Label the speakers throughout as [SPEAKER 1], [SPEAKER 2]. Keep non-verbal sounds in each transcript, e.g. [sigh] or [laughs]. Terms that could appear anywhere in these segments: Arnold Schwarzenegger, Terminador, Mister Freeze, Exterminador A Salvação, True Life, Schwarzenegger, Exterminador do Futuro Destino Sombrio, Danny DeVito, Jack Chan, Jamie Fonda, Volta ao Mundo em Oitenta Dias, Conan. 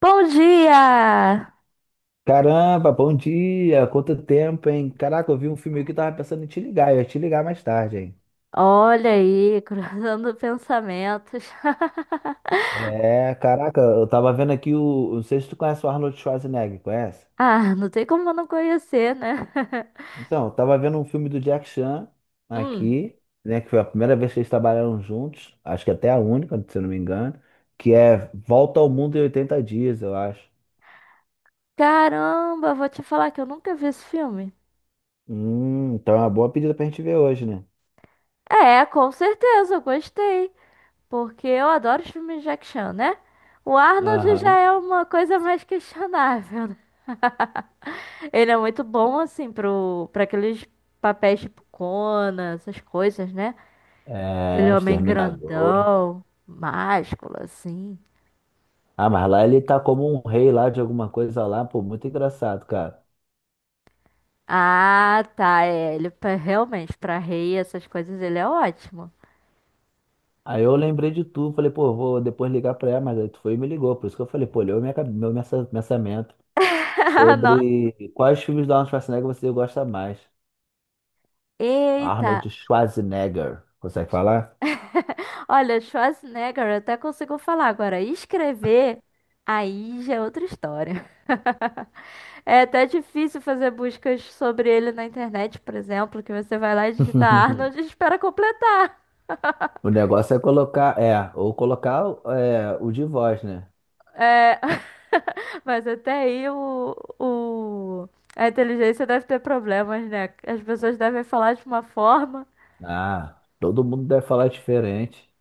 [SPEAKER 1] Bom dia!
[SPEAKER 2] Caramba, bom dia! Quanto tempo, hein? Caraca, eu vi um filme aqui que tava pensando em te ligar, eu ia te ligar mais tarde, hein?
[SPEAKER 1] Olha aí, cruzando pensamentos. [laughs]
[SPEAKER 2] É, caraca, eu tava vendo aqui o. Não sei se tu conhece o Arnold Schwarzenegger, conhece?
[SPEAKER 1] Ah, não tem como eu não conhecer, né? [laughs]
[SPEAKER 2] Então, eu tava vendo um filme do Jack Chan
[SPEAKER 1] Hum.
[SPEAKER 2] aqui, né? Que foi a primeira vez que eles trabalharam juntos, acho que até a única, se eu não me engano, que é Volta ao Mundo em Oitenta Dias, eu acho.
[SPEAKER 1] Caramba, vou te falar que eu nunca vi esse filme.
[SPEAKER 2] Então é uma boa pedida pra gente ver hoje, né?
[SPEAKER 1] É, com certeza, eu gostei. Porque eu adoro os filmes de action, né? O Arnold já
[SPEAKER 2] Aham.
[SPEAKER 1] é uma coisa mais questionável, né? Ele é muito bom, assim, pra aqueles papéis tipo Conan, essas coisas, né? Aquele
[SPEAKER 2] É,
[SPEAKER 1] homem
[SPEAKER 2] Exterminador.
[SPEAKER 1] grandão, másculo, assim.
[SPEAKER 2] Ah, mas lá ele tá como um rei lá de alguma coisa lá, pô, muito engraçado, cara.
[SPEAKER 1] Ah, tá, é, ele realmente, pra rei, essas coisas, ele é ótimo.
[SPEAKER 2] Aí eu lembrei de tu, falei, pô, vou depois ligar pra ela, mas aí tu foi e me ligou, por isso que eu falei, pô, leu minha, pensamento
[SPEAKER 1] [laughs] Nossa,
[SPEAKER 2] sobre quais filmes do Arnold Schwarzenegger você gosta mais.
[SPEAKER 1] eita.
[SPEAKER 2] Arnold Schwarzenegger, consegue falar?
[SPEAKER 1] Olha, Schwarzenegger, eu até consigo falar agora. Escrever, aí já é outra história. [laughs] É até difícil fazer buscas sobre ele na internet, por exemplo, que você vai lá e digita
[SPEAKER 2] [laughs]
[SPEAKER 1] Arnold e espera completar.
[SPEAKER 2] O negócio é colocar, é, ou colocar é, o de voz, né?
[SPEAKER 1] É, [laughs] mas até aí a inteligência deve ter problemas, né? As pessoas devem falar de uma forma.
[SPEAKER 2] Ah, todo mundo deve falar diferente.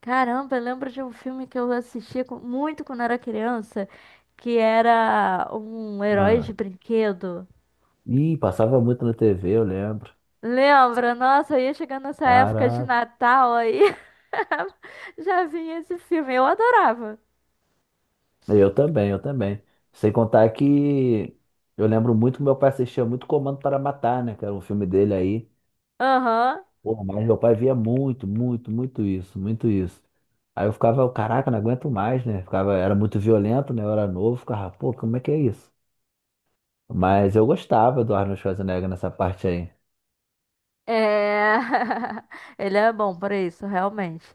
[SPEAKER 1] Caramba, eu lembro de um filme que eu assistia muito quando era criança, que era um herói de
[SPEAKER 2] Ah.
[SPEAKER 1] brinquedo.
[SPEAKER 2] Ih, passava muito na TV, eu lembro.
[SPEAKER 1] Lembra? Nossa, eu ia chegando nessa época de
[SPEAKER 2] Caraca.
[SPEAKER 1] Natal aí, [laughs] já vinha esse filme, eu adorava.
[SPEAKER 2] Eu também, eu também. Sem contar que eu lembro muito que meu pai assistia muito Comando para Matar, né? Que era um filme dele aí.
[SPEAKER 1] Aham,
[SPEAKER 2] Pô, mas meu pai via muito, muito, muito isso, muito isso. Aí eu ficava, caraca, não aguento mais, né? Ficava, era muito violento, né? Eu era novo, ficava, pô, como é que é isso? Mas eu gostava do Arnold Schwarzenegger nessa parte aí.
[SPEAKER 1] é... [laughs] Ele é bom para isso, realmente.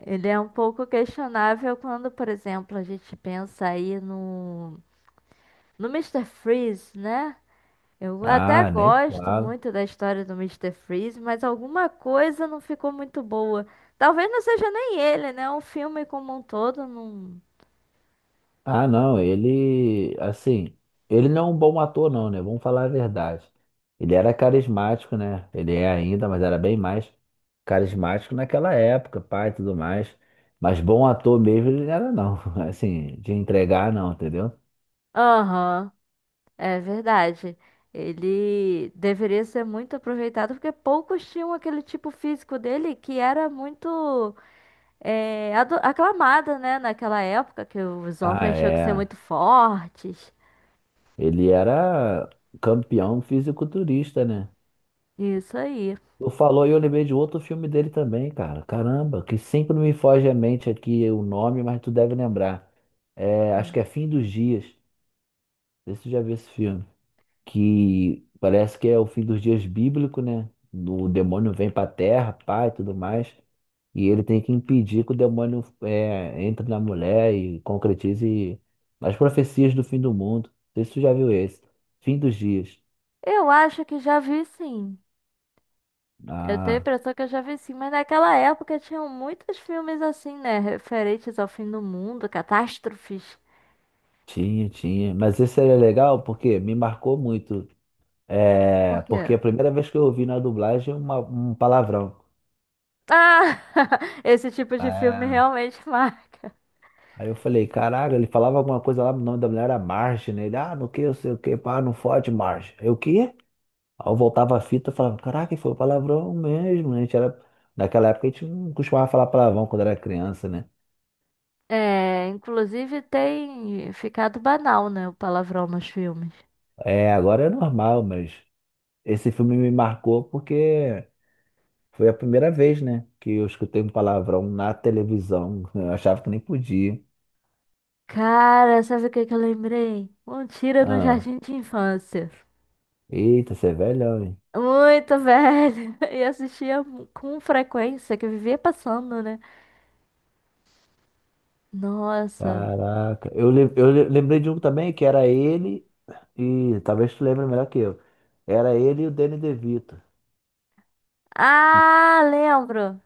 [SPEAKER 1] Ele é um pouco questionável quando, por exemplo, a gente pensa aí no Mister Freeze, né? Eu até
[SPEAKER 2] Ah, nem
[SPEAKER 1] gosto
[SPEAKER 2] fala.
[SPEAKER 1] muito da história do Mister Freeze, mas alguma coisa não ficou muito boa. Talvez não seja nem ele, né? O filme como um todo não.
[SPEAKER 2] Ah, não, ele, assim, ele não é um bom ator, não, né? Vamos falar a verdade. Ele era carismático, né? Ele é ainda, mas era bem mais carismático naquela época, pai, e tudo mais. Mas bom ator mesmo ele não era, não. [laughs] Assim, de entregar, não, entendeu?
[SPEAKER 1] Aham, é verdade. Ele deveria ser muito aproveitado, porque poucos tinham aquele tipo físico dele que era muito aclamada, né? Naquela época, que os
[SPEAKER 2] Ah,
[SPEAKER 1] homens tinham que ser
[SPEAKER 2] é.
[SPEAKER 1] muito fortes.
[SPEAKER 2] Ele era campeão fisiculturista, né?
[SPEAKER 1] Isso aí.
[SPEAKER 2] Tu falou e eu lembrei de outro filme dele também, cara. Caramba, que sempre me foge à mente aqui o nome, mas tu deve lembrar. É, acho que
[SPEAKER 1] Hum.
[SPEAKER 2] é Fim dos Dias. Não sei se você já viu esse filme. Que parece que é o fim dos dias bíblico, né? O demônio vem pra terra, pai, tudo mais. E ele tem que impedir que o demônio entre na mulher e concretize as profecias do fim do mundo. Não sei se você já viu esse. Fim dos dias.
[SPEAKER 1] Eu acho que já vi sim. Eu tenho a
[SPEAKER 2] Ah,
[SPEAKER 1] impressão que eu já vi sim, mas naquela época tinham muitos filmes assim, né? Referentes ao fim do mundo, catástrofes.
[SPEAKER 2] tinha, tinha. Mas esse era legal porque me marcou muito. É,
[SPEAKER 1] Por
[SPEAKER 2] porque
[SPEAKER 1] quê?
[SPEAKER 2] a primeira vez que eu ouvi na dublagem uma, um palavrão.
[SPEAKER 1] Ah! [laughs] Esse tipo de filme
[SPEAKER 2] É.
[SPEAKER 1] realmente [laughs] marca.
[SPEAKER 2] Aí eu falei, caraca, ele falava alguma coisa lá, o nome da mulher era Marge, né? Ele, ah, no que, eu sei o que, pá, não fode, Marge. Eu, o quê? Aí eu voltava a fita, e falava, caraca, ele falou palavrão mesmo, né? A gente era, naquela época a gente não costumava falar palavrão quando era criança, né?
[SPEAKER 1] É, inclusive tem ficado banal, né? O palavrão nos filmes.
[SPEAKER 2] É, agora é normal, mas esse filme me marcou porque foi a primeira vez, né, que eu escutei um palavrão na televisão. Eu achava que nem podia.
[SPEAKER 1] Cara, sabe o que que eu lembrei? Um tiro no
[SPEAKER 2] Ah,
[SPEAKER 1] jardim de infância.
[SPEAKER 2] eita, você é velhão, hein?
[SPEAKER 1] Muito velho. [laughs] E assistia com frequência, que eu vivia passando, né? Nossa.
[SPEAKER 2] Caraca. Eu lembrei de um também que era ele. E talvez tu lembre melhor que eu. Era ele e o Danny DeVito. Que-
[SPEAKER 1] Ah, lembro.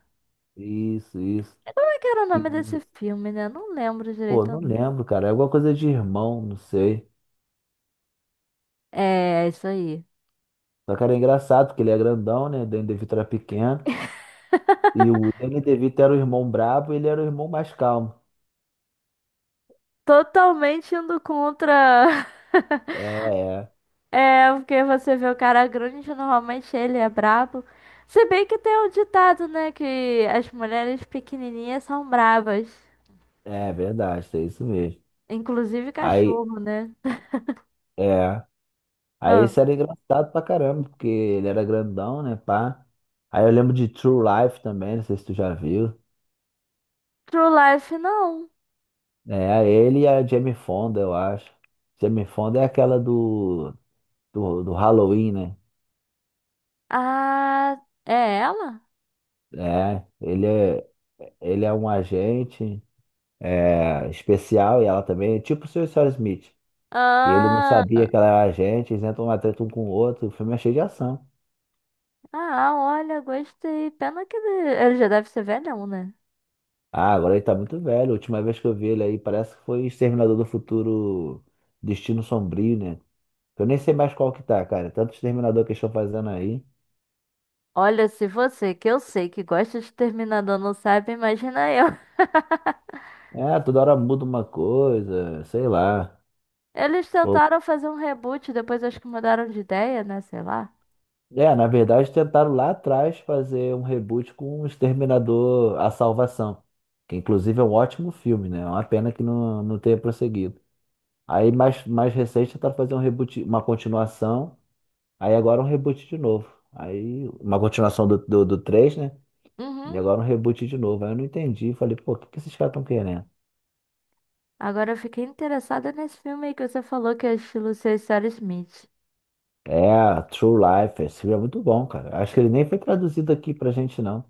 [SPEAKER 2] Isso, isso.
[SPEAKER 1] Que era o
[SPEAKER 2] E,
[SPEAKER 1] nome desse filme, né? Não lembro
[SPEAKER 2] pô,
[SPEAKER 1] direito,
[SPEAKER 2] não
[SPEAKER 1] não.
[SPEAKER 2] lembro, cara. É alguma coisa de irmão, não sei.
[SPEAKER 1] É, é isso aí.
[SPEAKER 2] Só que era engraçado, porque ele é grandão, né? O Danny DeVito era pequeno. E o Danny DeVito era o irmão brabo e ele era o irmão mais calmo.
[SPEAKER 1] Totalmente indo contra.
[SPEAKER 2] É,
[SPEAKER 1] [laughs]
[SPEAKER 2] é.
[SPEAKER 1] É, porque você vê o cara grande, normalmente ele é brabo. Se bem que tem um ditado, né? Que as mulheres pequenininhas são bravas.
[SPEAKER 2] É verdade, é isso mesmo.
[SPEAKER 1] Inclusive
[SPEAKER 2] Aí,
[SPEAKER 1] cachorro, né?
[SPEAKER 2] é. Aí
[SPEAKER 1] Ah,
[SPEAKER 2] esse era engraçado pra caramba, porque ele era grandão, né, pá? Aí eu lembro de True Life também, não sei se tu já viu.
[SPEAKER 1] True Life, não.
[SPEAKER 2] É, ele e a Jamie Fonda, eu acho. Jamie Fonda é aquela do Halloween, né?
[SPEAKER 1] Ah, é ela?
[SPEAKER 2] É, ele é um agente especial e ela também, tipo o Sr. Smith. E ele não
[SPEAKER 1] Ah,
[SPEAKER 2] sabia que ela era agente, eles entram uma treta um com o outro, o filme é cheio de ação.
[SPEAKER 1] ah, olha, gostei. Pena que ele já deve ser velhão, né?
[SPEAKER 2] Ah, agora ele tá muito velho. A última vez que eu vi ele aí, parece que foi Exterminador do Futuro Destino Sombrio, né? Eu nem sei mais qual que tá, cara. Tanto Exterminador que eles estão fazendo aí.
[SPEAKER 1] Olha, se você, que eu sei que gosta de Terminador, não sabe, imagina eu. [laughs]
[SPEAKER 2] É, toda hora muda uma coisa, sei lá.
[SPEAKER 1] Eles
[SPEAKER 2] Ou-
[SPEAKER 1] tentaram fazer um reboot, depois acho que mudaram de ideia, né? Sei lá.
[SPEAKER 2] É, na verdade tentaram lá atrás fazer um reboot com o Exterminador A Salvação, que inclusive é um ótimo filme, né? É uma pena que não tenha prosseguido. Aí mais recente tentaram fazer um reboot, uma continuação, aí agora um reboot de novo. Aí uma continuação do 3, né? E
[SPEAKER 1] Uhum.
[SPEAKER 2] agora um reboot de novo. Aí eu não entendi, falei, pô, o que que esses caras estão querendo?
[SPEAKER 1] Agora eu fiquei interessada nesse filme aí que você falou que é estilo Sr. Sarah Smith.
[SPEAKER 2] É, True Life, esse filme é muito bom, cara. Acho que ele nem foi traduzido aqui pra gente, não.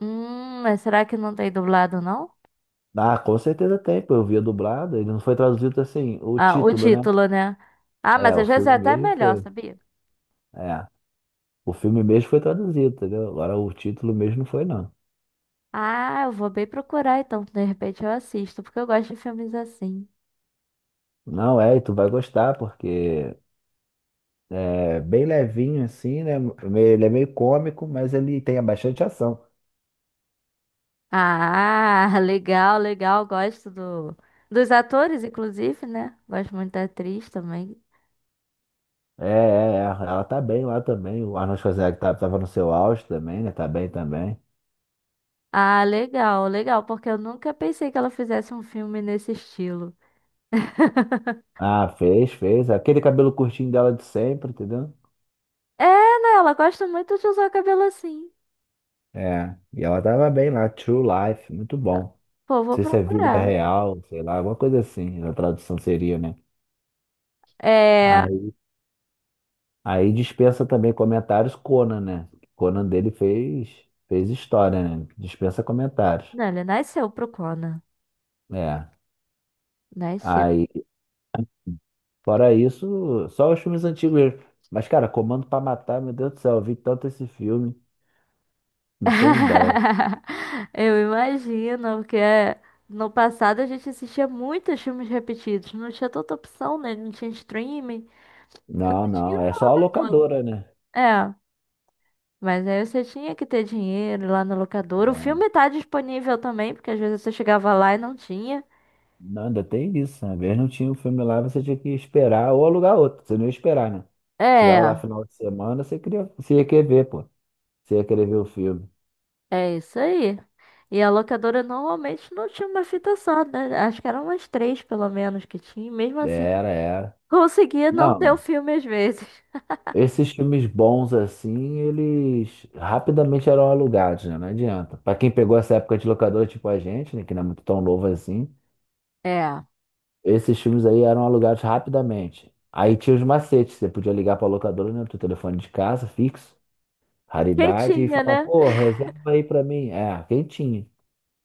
[SPEAKER 1] Mas será que não tem dublado, não?
[SPEAKER 2] Ah, com certeza tem, pô. Eu via dublada. Ele não foi traduzido assim, o
[SPEAKER 1] Ah, o
[SPEAKER 2] título, né?
[SPEAKER 1] título, né? Ah, mas
[SPEAKER 2] É, o
[SPEAKER 1] às vezes é
[SPEAKER 2] filme
[SPEAKER 1] até
[SPEAKER 2] mesmo
[SPEAKER 1] melhor,
[SPEAKER 2] foi.
[SPEAKER 1] sabia?
[SPEAKER 2] É, o filme mesmo foi traduzido, entendeu? Agora o título mesmo não foi, não.
[SPEAKER 1] Ah, eu vou bem procurar então, de repente eu assisto, porque eu gosto de filmes assim.
[SPEAKER 2] Não, é, e tu vai gostar, porque é bem levinho assim, né? Ele é meio cômico, mas ele tem bastante ação.
[SPEAKER 1] Ah, [laughs] legal, legal. Gosto dos atores, inclusive, né? Gosto muito da atriz também.
[SPEAKER 2] É, é, é. Ela tá bem lá também. O Arnold Schwarzenegger tava no seu auge também, né? Tá bem também.
[SPEAKER 1] Ah, legal, legal, porque eu nunca pensei que ela fizesse um filme nesse estilo. [laughs]
[SPEAKER 2] Ah, fez, fez. Aquele cabelo curtinho dela de sempre, entendeu?
[SPEAKER 1] É, né? Ela gosta muito de usar o cabelo assim.
[SPEAKER 2] É, e ela tava bem lá, True Life, muito bom. Não
[SPEAKER 1] Pô, vou
[SPEAKER 2] sei se é vida
[SPEAKER 1] procurar.
[SPEAKER 2] real, sei lá, alguma coisa assim, a tradução seria, né?
[SPEAKER 1] É.
[SPEAKER 2] Aí, aí dispensa também comentários Conan, né? Conan dele fez história, né? Dispensa comentários.
[SPEAKER 1] Não, ele nasceu pro Conan.
[SPEAKER 2] É.
[SPEAKER 1] Nasceu.
[SPEAKER 2] Aí, fora isso, só os filmes antigos mesmo. Mas, cara, Comando pra Matar, meu Deus do céu, eu vi tanto esse filme, não tem ideia.
[SPEAKER 1] [laughs] Eu imagino, porque no passado a gente assistia muitos filmes repetidos. Não tinha tanta opção, né? Não tinha streaming.
[SPEAKER 2] Não,
[SPEAKER 1] Porque tinha
[SPEAKER 2] não, é
[SPEAKER 1] uma
[SPEAKER 2] só a
[SPEAKER 1] locadora.
[SPEAKER 2] locadora, né?
[SPEAKER 1] É, mas aí você tinha que ter dinheiro lá na locadora. O
[SPEAKER 2] É.
[SPEAKER 1] filme tá disponível também, porque às vezes você chegava lá e não tinha.
[SPEAKER 2] Não, ainda tem isso. Uma vez não tinha um filme lá, você tinha que esperar ou alugar outro. Você não ia esperar, né? Chegava lá
[SPEAKER 1] É,
[SPEAKER 2] final de semana, você queria, você ia querer ver, pô. Você ia querer ver o filme.
[SPEAKER 1] é isso aí. E a locadora normalmente não tinha uma fita só, né? Acho que eram umas três, pelo menos, que tinha. E mesmo assim,
[SPEAKER 2] Era, era.
[SPEAKER 1] conseguia não ter o
[SPEAKER 2] Não,
[SPEAKER 1] filme às vezes.
[SPEAKER 2] esses filmes bons assim, eles rapidamente eram alugados, né? Não adianta. Pra quem pegou essa época de locador, tipo a gente, né? Que não é muito tão novo assim,
[SPEAKER 1] É.
[SPEAKER 2] esses filmes aí eram alugados rapidamente. Aí tinha os macetes, você podia ligar pra locadora, né? Do teu telefone de casa, fixo.
[SPEAKER 1] Quem
[SPEAKER 2] Raridade e
[SPEAKER 1] tinha,
[SPEAKER 2] falar,
[SPEAKER 1] né?
[SPEAKER 2] pô, reserva aí pra mim. É, quem tinha?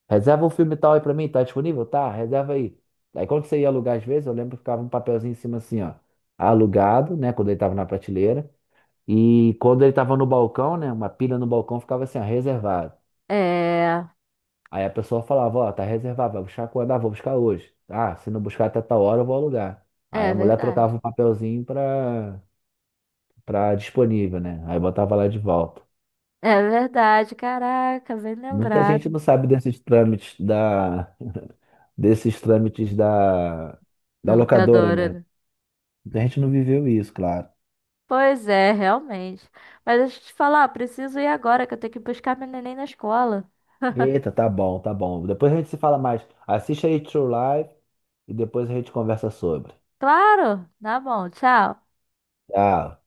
[SPEAKER 2] Reserva um filme tal aí pra mim, tá disponível? Tá, reserva aí. Aí quando você ia alugar às vezes, eu lembro que ficava um papelzinho em cima assim, ó. Alugado, né, quando ele tava na prateleira. E quando ele tava no balcão, né, uma pilha no balcão ficava assim, ó, reservado.
[SPEAKER 1] É,
[SPEAKER 2] Aí a pessoa falava, ó, tá reservado, vai buscar quando? Ah, vou buscar hoje. Ah, se não buscar até tal hora, eu vou alugar. Aí
[SPEAKER 1] é
[SPEAKER 2] a mulher
[SPEAKER 1] verdade.
[SPEAKER 2] trocava o papelzinho pra disponível, né? Aí botava lá de volta.
[SPEAKER 1] É verdade, caraca, bem
[SPEAKER 2] Muita gente
[SPEAKER 1] lembrado.
[SPEAKER 2] não sabe desses trâmites da
[SPEAKER 1] Na
[SPEAKER 2] locadora,
[SPEAKER 1] locadora,
[SPEAKER 2] né?
[SPEAKER 1] né?
[SPEAKER 2] Muita gente não viveu isso, claro.
[SPEAKER 1] Pois é, realmente. Mas deixa eu te falar, preciso ir agora que eu tenho que buscar meu neném na escola.
[SPEAKER 2] Eita, tá bom, tá bom. Depois a gente se fala mais. Assiste aí True Life e depois a gente conversa sobre.
[SPEAKER 1] Claro! Tá bom, tchau.
[SPEAKER 2] Tchau.